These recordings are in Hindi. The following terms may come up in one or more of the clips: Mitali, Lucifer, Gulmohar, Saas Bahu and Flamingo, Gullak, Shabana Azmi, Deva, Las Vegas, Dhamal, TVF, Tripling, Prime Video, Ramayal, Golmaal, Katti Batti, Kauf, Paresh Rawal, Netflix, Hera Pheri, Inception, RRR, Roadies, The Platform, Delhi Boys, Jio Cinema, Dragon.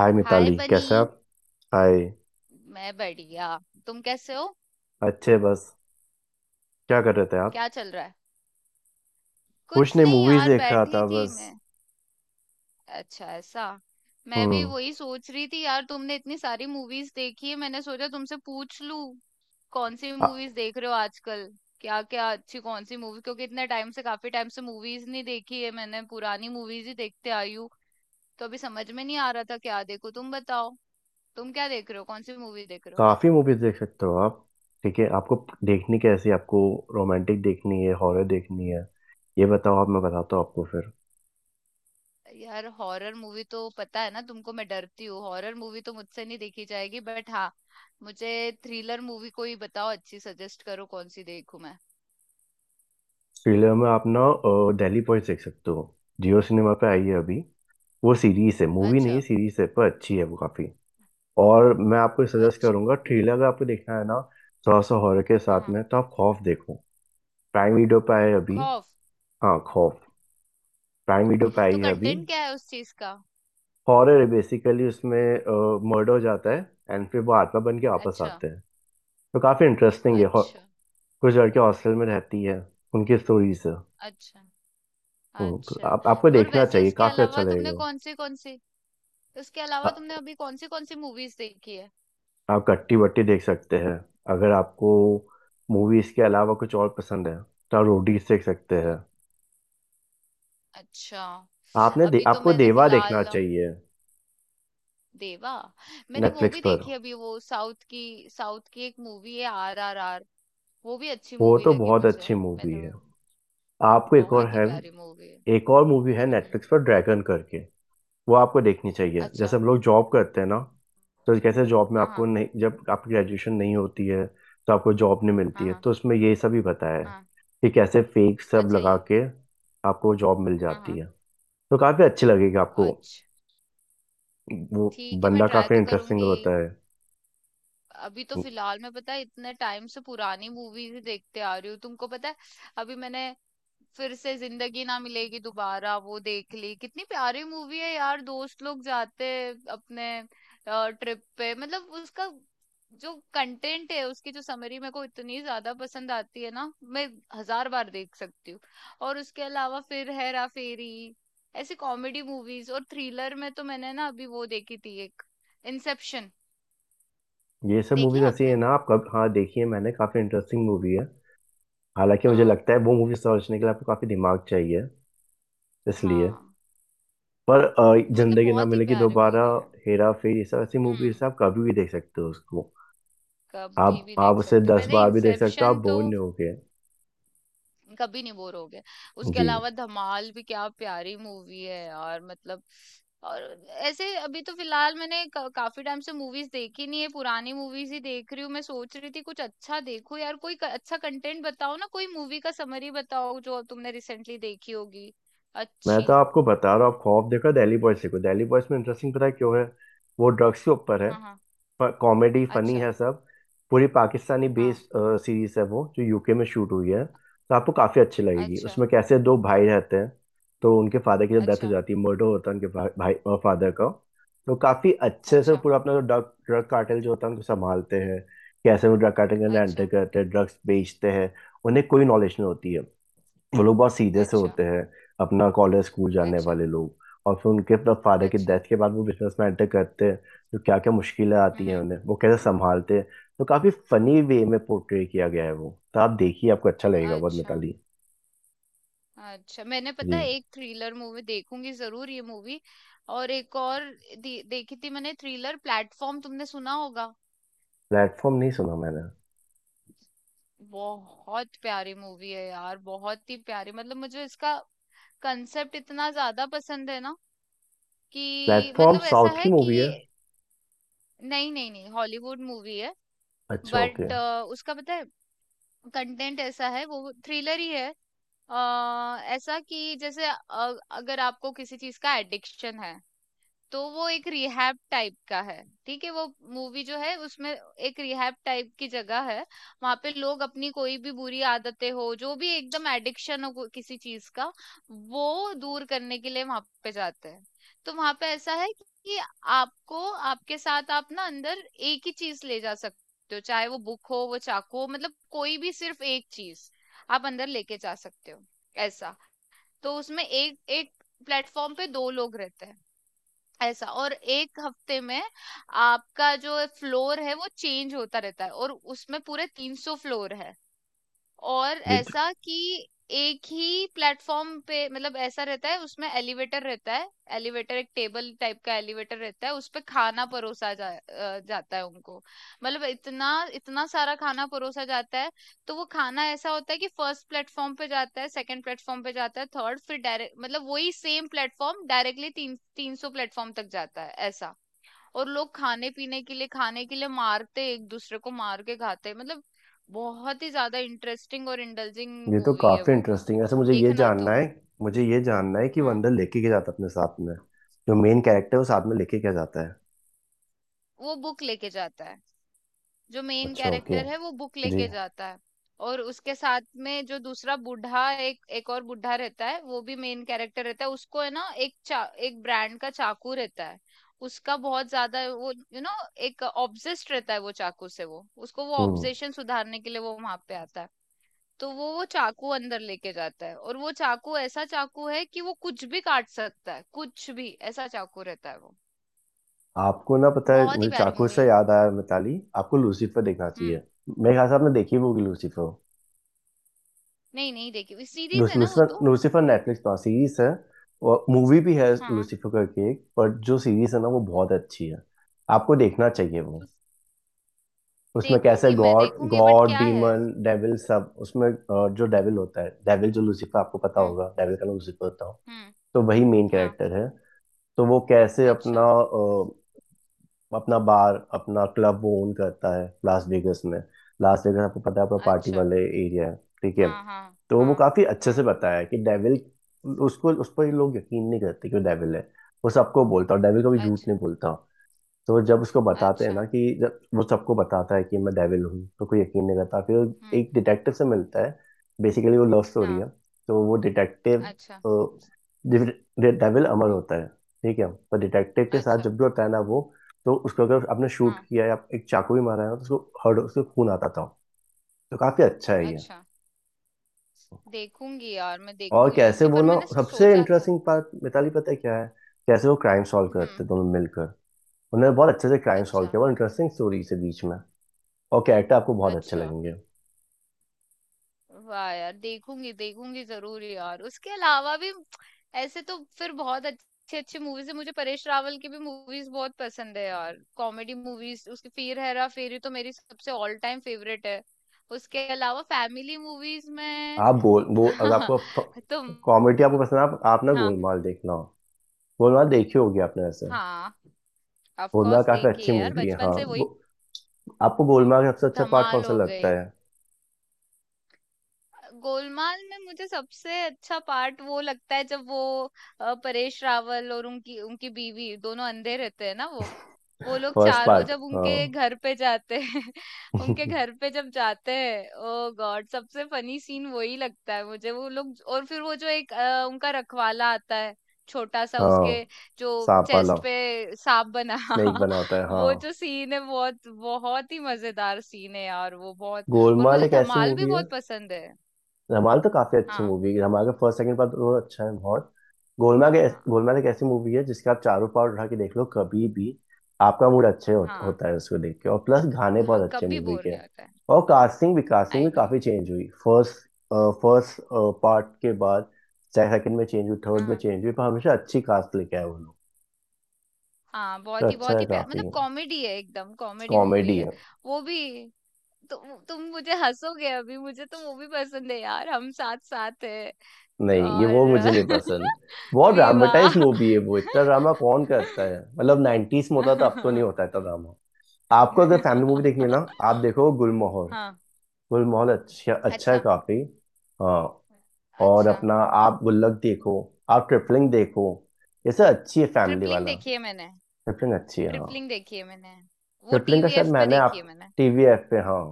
हाय हाय मिताली, बनी। कैसे आप। हाय। मैं बढ़िया। तुम कैसे हो? अच्छे बस। क्या कर रहे थे आप। क्या चल रहा है? कुछ कुछ नहीं, नहीं मूवीज यार, देख रहा बैठी था थी बस। मैं। अच्छा, ऐसा। मैं भी हम्म। वही सोच रही थी यार, तुमने इतनी सारी मूवीज देखी है, मैंने सोचा तुमसे पूछ लूं। कौन सी आ- मूवीज देख रहे हो आजकल? क्या क्या अच्छी, कौन सी मूवी, क्योंकि इतने टाइम से काफी टाइम से मूवीज नहीं देखी है मैंने, पुरानी मूवीज ही देखते आई हूँ। तो अभी समझ में नहीं आ रहा था क्या देखो, तुम बताओ। तुम क्या देख रहे हो, कौन सी मूवी देख रहे हो? काफी मूवीज देख सकते हो आप। ठीक है आपको। देखनी कैसी आपको। रोमांटिक देखनी है, हॉरर देखनी है। ये बताओ आप, मैं बताता हूँ आपको फिर। यार हॉरर मूवी तो पता है ना तुमको, मैं डरती हूँ, हॉरर मूवी तो मुझसे नहीं देखी जाएगी, बट हाँ। मुझे थ्रिलर मूवी कोई बताओ, अच्छी सजेस्ट करो, कौन सी देखूं मैं? थ्रिलर में आप ना, दिल्ली बॉयज देख सकते हो। जियो सिनेमा पे आई है अभी। वो सीरीज है, मूवी नहीं अच्छा। है, सीरीज है, पर अच्छी है वो काफी। और मैं आपको सजेस्ट अच्छा। करूंगा थ्रिलर, अगर आपको देखना है ना। थोड़ा सा हॉरर के हाँ, साथ हाँ। में, तो आप खौफ देखो। प्राइम वीडियो पे आए अभी। खौफ। हाँ, खौफ। प्राइम वीडियो पे आई तो है अभी। कंटेंट क्या है उस चीज का? हॉरर है बेसिकली, उसमें मर्डर हो जाता है एंड फिर वो आत्मा बन के वापस अच्छा। आते हैं। तो काफी इंटरेस्टिंग है। अच्छा। कुछ लड़कियां हॉस्टल में रहती है, उनकी स्टोरीज है। अच्छा। तो अच्छा। आप आपको और देखना वैसे चाहिए, काफी अच्छा लगेगा। उसके आ, अलावा तुमने अभी कौन सी मूवीज देखी है? आप कट्टी बट्टी देख सकते हैं। अगर आपको मूवीज के अलावा कुछ और पसंद है, तो आप रोडीज देख सकते हैं। अच्छा। अभी तो आपको मैंने देवा देखना फिलहाल, चाहिए। देवा। मैंने वो नेटफ्लिक्स भी पर। देखी अभी, वो साउथ की एक मूवी है, RRR। वो भी अच्छी वो मूवी तो लगी बहुत मुझे अच्छी मूवी मैंने। है। आपको एक और बहुत ही है। प्यारी मूवी है। एक और मूवी है हम्म। नेटफ्लिक्स पर, ड्रैगन करके। वो आपको देखनी चाहिए। जैसे अच्छा। हम लोग जॉब करते हैं ना, तो कैसे जॉब में हाँ, आपको हाँ। नहीं, जब आपकी ग्रेजुएशन नहीं होती है, तो आपको जॉब नहीं मिलती हाँ, है, हाँ, तो उसमें ये सब ही बताया है हाँ। कि कैसे फेक सब अच्छा लगा ये। के आपको जॉब मिल हाँ, जाती हाँ। है। तो काफी अच्छी लगेगी आपको। अच्छा। वो ठीक है, मैं बंदा ट्राई काफी तो इंटरेस्टिंग करूंगी। होता है। अभी तो फिलहाल मैं, पता है, इतने टाइम से पुरानी मूवीज ही देखते आ रही हूँ, तुमको पता है। अभी मैंने फिर से जिंदगी ना मिलेगी दोबारा वो देख ली, कितनी प्यारी मूवी है यार, दोस्त लोग जाते हैं अपने ट्रिप पे, मतलब उसका जो कंटेंट है, उसकी जो समरी मेरे को इतनी ज्यादा पसंद आती है ना, मैं हजार बार देख सकती हूँ। और उसके अलावा फिर हेरा फेरी, ऐसी कॉमेडी मूवीज। और थ्रिलर में तो मैंने ना अभी वो देखी थी एक, इंसेप्शन। ये सब देखी मूवीज है ऐसी है आपने? ना। आप कब, हाँ, देखी है मैंने, काफी इंटरेस्टिंग मूवी है। हालांकि मुझे हाँ, लगता है वो मूवी समझने के लिए आपको काफी दिमाग चाहिए, इसलिए। हाँ। पर मतलब जिंदगी ना बहुत ही मिलेगी प्यारी दोबारा, मूवी है। हेरा फेरी, इस तरह ऐसी हम्म। मूवीज आप कभी भी देख सकते हो उसको। कभी आप भी आप देख उसे सकते हो, दस मैंने बार भी देख सकते हो, आप इंसेप्शन तो। बोर नहीं होगे। कभी नहीं बोर हो गया। उसके जी। अलावा धमाल भी क्या प्यारी मूवी है यार, मतलब। और ऐसे अभी तो फिलहाल मैंने काफी टाइम से मूवीज देखी नहीं है, पुरानी मूवीज ही देख रही हूँ। मैं सोच रही थी कुछ अच्छा देखो यार, कोई अच्छा कंटेंट बताओ ना, कोई मूवी का समरी बताओ जो तुमने रिसेंटली देखी होगी, मैं अच्छी। तो आपको बता रहा हूँ, आप खौफ देखो, दिल्ली बॉयज देखो। दिल्ली बॉयज में इंटरेस्टिंग, पता है क्यों है। वो ड्रग्स के ऊपर है, हाँ, हाँ। कॉमेडी फनी अच्छा। है सब। पूरी पाकिस्तानी हाँ। बेस्ड सीरीज है वो, जो यूके में शूट हुई है, तो आपको काफी अच्छी लगेगी। अच्छा। उसमें कैसे दो भाई रहते हैं, तो उनके फादर की जब डेथ हो अच्छा। जाती है, मर्डर होता है उनके भाई फादर का। तो काफी अच्छे से अच्छा। पूरा अपना जो ड्रग ड्रग कार्टेल जो होता है उनको संभालते हैं। कैसे वो ड्रग कार्टेल के अंदर एंटर अच्छा। करते हैं, ड्रग्स बेचते हैं, उन्हें कोई नॉलेज नहीं होती है। वो लोग बहुत सीधे से अच्छा। होते हैं, अपना कॉलेज स्कूल जाने अच्छा। वाले लोग। और फिर उनके अपना फादर की अच्छा। डेथ के बाद वो बिजनेस में enter करते हैं, तो क्या क्या मुश्किलें आती हम्म। हैं हम्म। उन्हें, वो कैसे संभालते हैं। तो काफी फनी वे में पोर्ट्रे किया गया है वो, तो आप देखिए, आपको अच्छा लगेगा बहुत, अच्छा। मिताली। अच्छा। मैंने पता है जी। एक थ्रिलर मूवी देखूंगी जरूर, ये मूवी। और एक और देखी थी मैंने, थ्रिलर प्लेटफॉर्म, तुमने सुना होगा? प्लेटफॉर्म नहीं सुना मैंने। बहुत प्यारी मूवी है यार, बहुत ही प्यारी, मतलब मुझे इसका कंसेप्ट इतना ज्यादा पसंद है ना कि, प्लेटफॉर्म मतलब ऐसा साउथ की है कि। मूवी है। नहीं, नहीं, नहीं, हॉलीवुड मूवी है, अच्छा ओके। बट। उसका पता है, कंटेंट ऐसा है, वो थ्रिलर ही है। अ ऐसा कि जैसे अगर आपको किसी चीज का एडिक्शन है, तो वो एक रिहैब टाइप का है, ठीक है वो। मूवी जो है उसमें एक रिहैब टाइप की जगह है। वहां पे लोग अपनी कोई भी बुरी आदतें हो जो भी एकदम एडिक्शन हो किसी चीज का, वो दूर करने के लिए वहां पे जाते हैं। तो वहां पे ऐसा है कि आपको, आपके साथ आप ना अंदर एक ही चीज ले जा सकते हो, चाहे वो बुक हो, वो चाकू हो, मतलब कोई भी सिर्फ एक चीज आप अंदर लेके जा सकते हो, ऐसा। तो उसमें एक एक प्लेटफॉर्म पे दो लोग रहते हैं ऐसा, और एक हफ्ते में आपका जो फ्लोर है वो चेंज होता रहता है, और उसमें पूरे 300 फ्लोर है। और ये तो ऐसा कि एक ही प्लेटफॉर्म पे, मतलब ऐसा रहता है उसमें एलिवेटर रहता है। एलिवेटर, एक टेबल टाइप का एलिवेटर रहता है, उस पे खाना परोसा जाता है उनको। मतलब इतना इतना सारा खाना परोसा जाता है। तो वो खाना ऐसा होता है कि फर्स्ट प्लेटफॉर्म पे जाता है, सेकंड प्लेटफॉर्म पे जाता है, थर्ड, फिर डायरेक्ट, मतलब वही सेम प्लेटफॉर्म डायरेक्टली तीन तीन सौ प्लेटफॉर्म तक जाता है ऐसा। और लोग खाने के लिए मारते, एक दूसरे को मार के खाते, मतलब। बहुत ही ज्यादा इंटरेस्टिंग और इंडल्जिंग ये तो मूवी है काफी वो, इंटरेस्टिंग है, ऐसे मुझे ये देखना जानना है। तुम। मुझे ये जानना है कि वो हाँ, अंदर लेके क्या जाता है अपने साथ में, जो मेन कैरेक्टर है वो साथ में लेके क्या जाता है। वो बुक लेके जाता है, जो मेन अच्छा ओके। कैरेक्टर है वो बुक जी। लेके जाता है। और उसके साथ में जो दूसरा बूढ़ा, एक एक और बूढ़ा रहता है, वो भी मेन कैरेक्टर रहता है, उसको है ना एक ब्रांड का चाकू रहता है। उसका बहुत ज्यादा वो एक ऑब्सेस्ड रहता है वो चाकू से, वो उसको वो हम्म। ऑब्सेशन सुधारने के लिए वो वहां पे आता है। तो वो चाकू अंदर लेके जाता है, और वो चाकू ऐसा चाकू है कि वो कुछ भी काट सकता है, कुछ भी, ऐसा चाकू रहता है वो। आपको ना पता है, बहुत ही मुझे प्यारी चाकू मूवी से है। याद आया मिताली, आपको लूसीफर देखना चाहिए। हम्म। मेरे ख्याल से आपने देखी भी होगी लूसीफर। नहीं, नहीं देखी। इस सीरीज लूस- है ना वो लूसीफर तो। लूसीफर नेटफ्लिक्स पर सीरीज है। और मूवी भी है हाँ। लूसीफर करके एक, पर जो सीरीज है ना वो बहुत अच्छी है, आपको देखना चाहिए वो। तो उसमें कैसे देखूंगी, मैं गॉड देखूंगी, बट गॉड क्या है। डीमन डेविल सब, उसमें जो डेविल होता है, डेविल जो लूसीफर, आपको पता हम्म। होगा डेविल का नाम लूसीफर होता हो, हम्म। तो वही मेन हाँ। कैरेक्टर है। तो वो कैसे अच्छा। अपना बार, अपना क्लब वो ओन करता है लास वेगस में। लास वेगस आपको पता है, अपना पार्टी अच्छा। वाले एरिया है, ठीक है। हाँ, हाँ। तो वो हाँ, काफी अच्छे से हाँ। बताया है कि डेविल, उसको उस पर लोग यकीन नहीं करते कि वो डेविल है। वो सबको बोलता, और डेविल कभी झूठ अच्छा। नहीं बोलता। तो जब उसको बताते हैं ना अच्छा। कि जब वो सबको बताता है कि मैं डेविल हूँ, तो कोई यकीन नहीं करता, फिर वो हम्म। एक डिटेक्टिव से मिलता है। बेसिकली वो लव स्टोरी हाँ। है, तो वो डिटेक्टिव। अच्छा। डेविल अमर होता है, ठीक है, पर डिटेक्टिव के साथ अच्छा। जब भी होता है ना वो, तो उसको अगर आपने शूट हाँ। किया या एक चाकू भी मारा है ना, तो उसको हर्ट, उसको खून आता था। तो काफी अच्छा है ये। अच्छा। देखूंगी यार, मैं और देखूंगी कैसे वो लूसीफर, ना, मैंने सबसे सोचा था। इंटरेस्टिंग पार्ट मिताली पता है क्या है, कैसे वो क्राइम सॉल्व करते हम्म। दोनों मिलकर। उन्होंने बहुत अच्छे से क्राइम सॉल्व अच्छा। किया, बहुत इंटरेस्टिंग स्टोरी से बीच में, और कैरेक्टर आपको बहुत अच्छे अच्छा। लगेंगे। वाह यार, देखूंगी देखूंगी जरूर यार, उसके अलावा भी। ऐसे तो फिर बहुत अच्छी अच्छी मूवीज है। मुझे परेश रावल की भी मूवीज बहुत पसंद है यार, कॉमेडी मूवीज उसकी। फिर हेरा फेरी तो मेरी सबसे ऑल टाइम फेवरेट है। उसके अलावा फैमिली मूवीज में। आप गोल वो अगर आपको तो। कॉमेडी आपको पसंद है, आप ना हाँ। गोलमाल देखना, गोलमाल देखी होगी आपने वैसे। हाँ, ऑफ गोलमाल कोर्स काफी देखी अच्छी है यार, मूवी है, बचपन हाँ। से वही। आपको गोलमाल का सबसे अच्छा पार्ट कौन धमाल सा हो लगता गई। है। गोलमाल में मुझे सबसे अच्छा पार्ट वो लगता है जब वो, परेश रावल और उनकी उनकी बीवी दोनों अंधे रहते हैं ना, वो लोग फर्स्ट चारों पार्ट, जब हाँ। उनके घर पे जाते हैं उनके घर पे जब जाते हैं, ओ गॉड, सबसे फनी सीन वही लगता है मुझे, वो लोग, और फिर वो जो एक उनका रखवाला आता है, छोटा सा उसके, हाँ, जो सांप वाला, चेस्ट पे सांप बना स्नेक बना होता है, हाँ। वो जो सीन है बहुत बहुत ही मजेदार सीन है यार, वो बहुत। और गोलमाल मुझे एक ऐसी धमाल भी मूवी है। बहुत पसंद है। रमाल तो काफी अच्छी हाँ, मूवी है, रमाल का फर्स्ट सेकंड पार्ट दोनों अच्छा है बहुत। गोलमाल के, हाँ। गोलमाल एक ऐसी मूवी है जिसके आप चारों पार्ट उठा के देख लो कभी भी। आपका मूड अच्छे हो, हाँ, होता है उसको देख के, और प्लस गाने हाँ। बहुत अच्छे कभी मूवी बोर के नहीं हैं। होता है। और कास्टिंग भी कास्टिंग आई भी नो। काफी चेंज हुई फर्स्ट फर्स्ट पार्ट के बाद, सेकंड में चेंज हुई, थर्ड में हाँ, चेंज हुई, पर हमेशा अच्छी कास्ट लेके आए वो लोग। हाँ। तो अच्छा बहुत है ही प्यार, काफी, मतलब कॉमेडी है, एकदम कॉमेडी मूवी कॉमेडी है है। वो भी। तु, तुम मुझे हंसोगे अभी, मुझे तो मूवी पसंद है यार, हम साथ साथ है, नहीं, ये वो और मुझे नहीं पसंद। बहुत ड्रामेटाइज विवाह। मूवी है वो, इतना ड्रामा कौन करता है, मतलब 90s में होता था, अब तो नहीं होता इतना ड्रामा। आपको अगर फैमिली मूवी देखनी है ना, आप देखो गुलमोहर। हाँ। गुलमोहर अच्छा अच्छा है अच्छा। काफी। हाँ। और अच्छा। अपना, आप गुल्लक देखो, आप ट्रिपलिंग देखो, ये सब अच्छी है फैमिली ट्रिपलिंग वाला। देखी है मैंने, ट्रिपलिंग अच्छी है, हाँ। ट्रिपलिंग देखी है मैंने, वो ट्रिपलिंग का शायद टीवीएफ पे मैंने आप, देखी है मैंने। टीवीएफ पे, हाँ।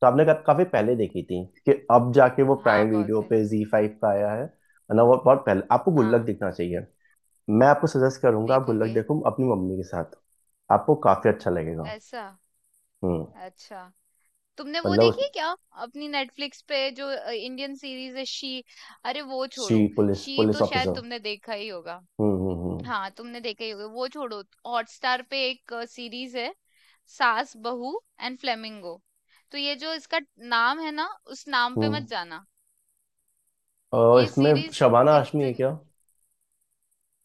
तो आपने काफी पहले देखी थी कि अब जाके वो हाँ, प्राइम बहुत वीडियो पहले। पे, जी फाइव पे आया है ना, वो बहुत पहले। आपको गुल्लक हाँ, देखना चाहिए, मैं आपको सजेस्ट करूंगा, आप गुल्लक देखूंगे। देखो अपनी मम्मी के साथ, आपको काफी अच्छा लगेगा। ऐसा। हम्म। अच्छा। तुमने वो मतलब उस, देखी है क्या, अपनी नेटफ्लिक्स पे जो इंडियन सीरीज है, शी? अरे वो सी छोड़ो, पुलिस शी पुलिस तो शायद ऑफिसर। तुमने देखा ही होगा, हम्म, हम्म, हम्म। हाँ तुमने देखा ही होगा, वो छोड़ो। हॉटस्टार पे एक सीरीज है, सास बहू एंड फ्लेमिंगो। तो ये जो इसका नाम है ना, उस नाम पे हम्म। मत जाना। और ये इसमें सीरीज शबाना आशमी है इत क्या।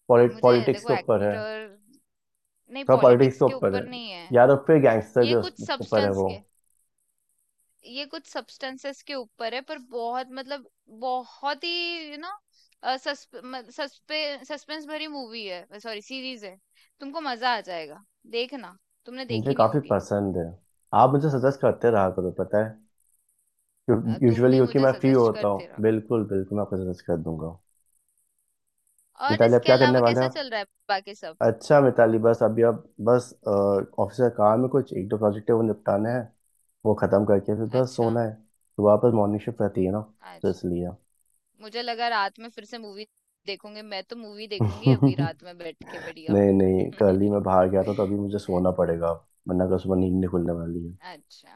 मुझे पॉलिटिक्स देखो के ऊपर है। एक्टर, नहीं थोड़ा पॉलिटिक्स पॉलिटिक्स के के ऊपर है, ऊपर नहीं या है, तो फिर गैंगस्टर के ये कुछ ऊपर है सब्सटेंस वो। के ये कुछ सब्सटेंसेस के ऊपर है, पर बहुत मतलब, बहुत ही यू नो सस्पेंस भरी मूवी है, सॉरी सीरीज है, तुमको मजा आ जाएगा, देखना। तुमने मुझे देखी नहीं काफी होगी। पसंद है, आप मुझे सजेस्ट करते रहा करो, पता है। तुम यूजुअली भी क्योंकि मुझे मैं फ्री सजेस्ट होता करते हूँ, रहो। बिल्कुल बिल्कुल मैं आपको सजेस्ट कर दूंगा। और मिताली आप इसके क्या करने अलावा वाले। कैसा चल रहा है बाकी सब? अच्छा मिताली, बस अभी अब, बस ऑफिस का काम है, कुछ एक दो प्रोजेक्ट है वो निपटाने हैं, वो खत्म करके फिर बस अच्छा। सोना है। तो वापस मॉर्निंग शिफ्ट रहती है ना, तो आज। इसलिए। मुझे लगा रात में फिर से मूवी देखोगे, मैं तो मूवी देखूंगी अभी रात में बैठ के बढ़िया। नहीं नहीं, कल ही मैं बाहर गया था, तो अभी मुझे सोना पड़ेगा अब, वरना कल सुबह नींद नहीं खुलने वाली है। अच्छा।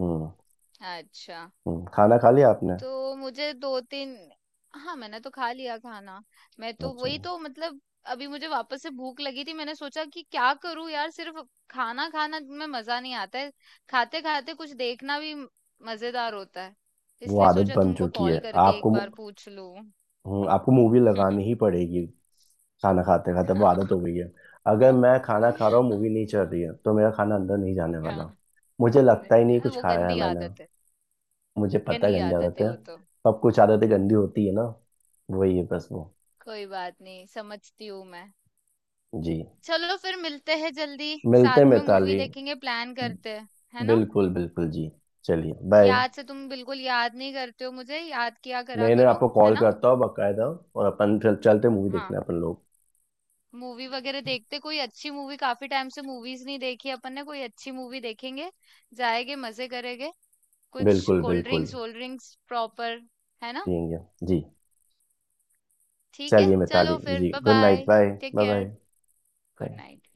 हम्म। अच्छा। खाना खा लिया आपने। तो मुझे दो तीन, हाँ मैंने तो खा लिया खाना, मैं तो अच्छा। वही तो मतलब। अभी मुझे वापस से भूख लगी थी, मैंने सोचा कि क्या करूं यार, सिर्फ खाना खाना में मजा नहीं आता है, खाते खाते कुछ देखना भी मजेदार होता है, वो इसलिए आदत सोचा बन तुमको चुकी है। कॉल करके आपको एक मु- बार पूछ लूं। आपको मूवी लगानी ही पड़ेगी, खाना खाते खाते वो आदत हो गई है। अगर मैं खाना खा रहा हूँ मूवी नहीं चल रही है, तो मेरा खाना अंदर नहीं जाने हाँ। वाला, मुझे लगता ही नहीं नहीं, कुछ वो खाया है गंदी मैंने। आदत है, मुझे पता है गंदी गंदी आदत आदतें है हैं, वो तो। सब कुछ आदतें गंदी होती है ना, वही है बस वो। कोई बात नहीं, समझती हूँ मैं। जी। चलो फिर मिलते हैं जल्दी, मिलते हैं साथ में मूवी मिताली। देखेंगे, प्लान करते हैं, है ना? बिल्कुल बिल्कुल जी। चलिए बाय। याद से, तुम बिल्कुल याद नहीं करते हो मुझे, याद किया करा नहीं नहीं, करो, आपको है कॉल ना? करता हूँ बकायदा। और अपन चलते मूवी हाँ। देखने अपन लोग। मूवी वगैरह देखते, कोई अच्छी मूवी, काफी टाइम से मूवीज नहीं देखी अपन ने, कोई अच्छी मूवी देखेंगे, जाएंगे, मजे करेंगे, कुछ बिल्कुल कोल्ड बिल्कुल। ड्रिंक्स वोल्ड ड्रिंक्स प्रॉपर, है ना? ठीक है। जी। ठीक है, चलिए मिताली चलो फिर। जी, bye good night, bye. Bye. Take care. Bye. Good bye. Night.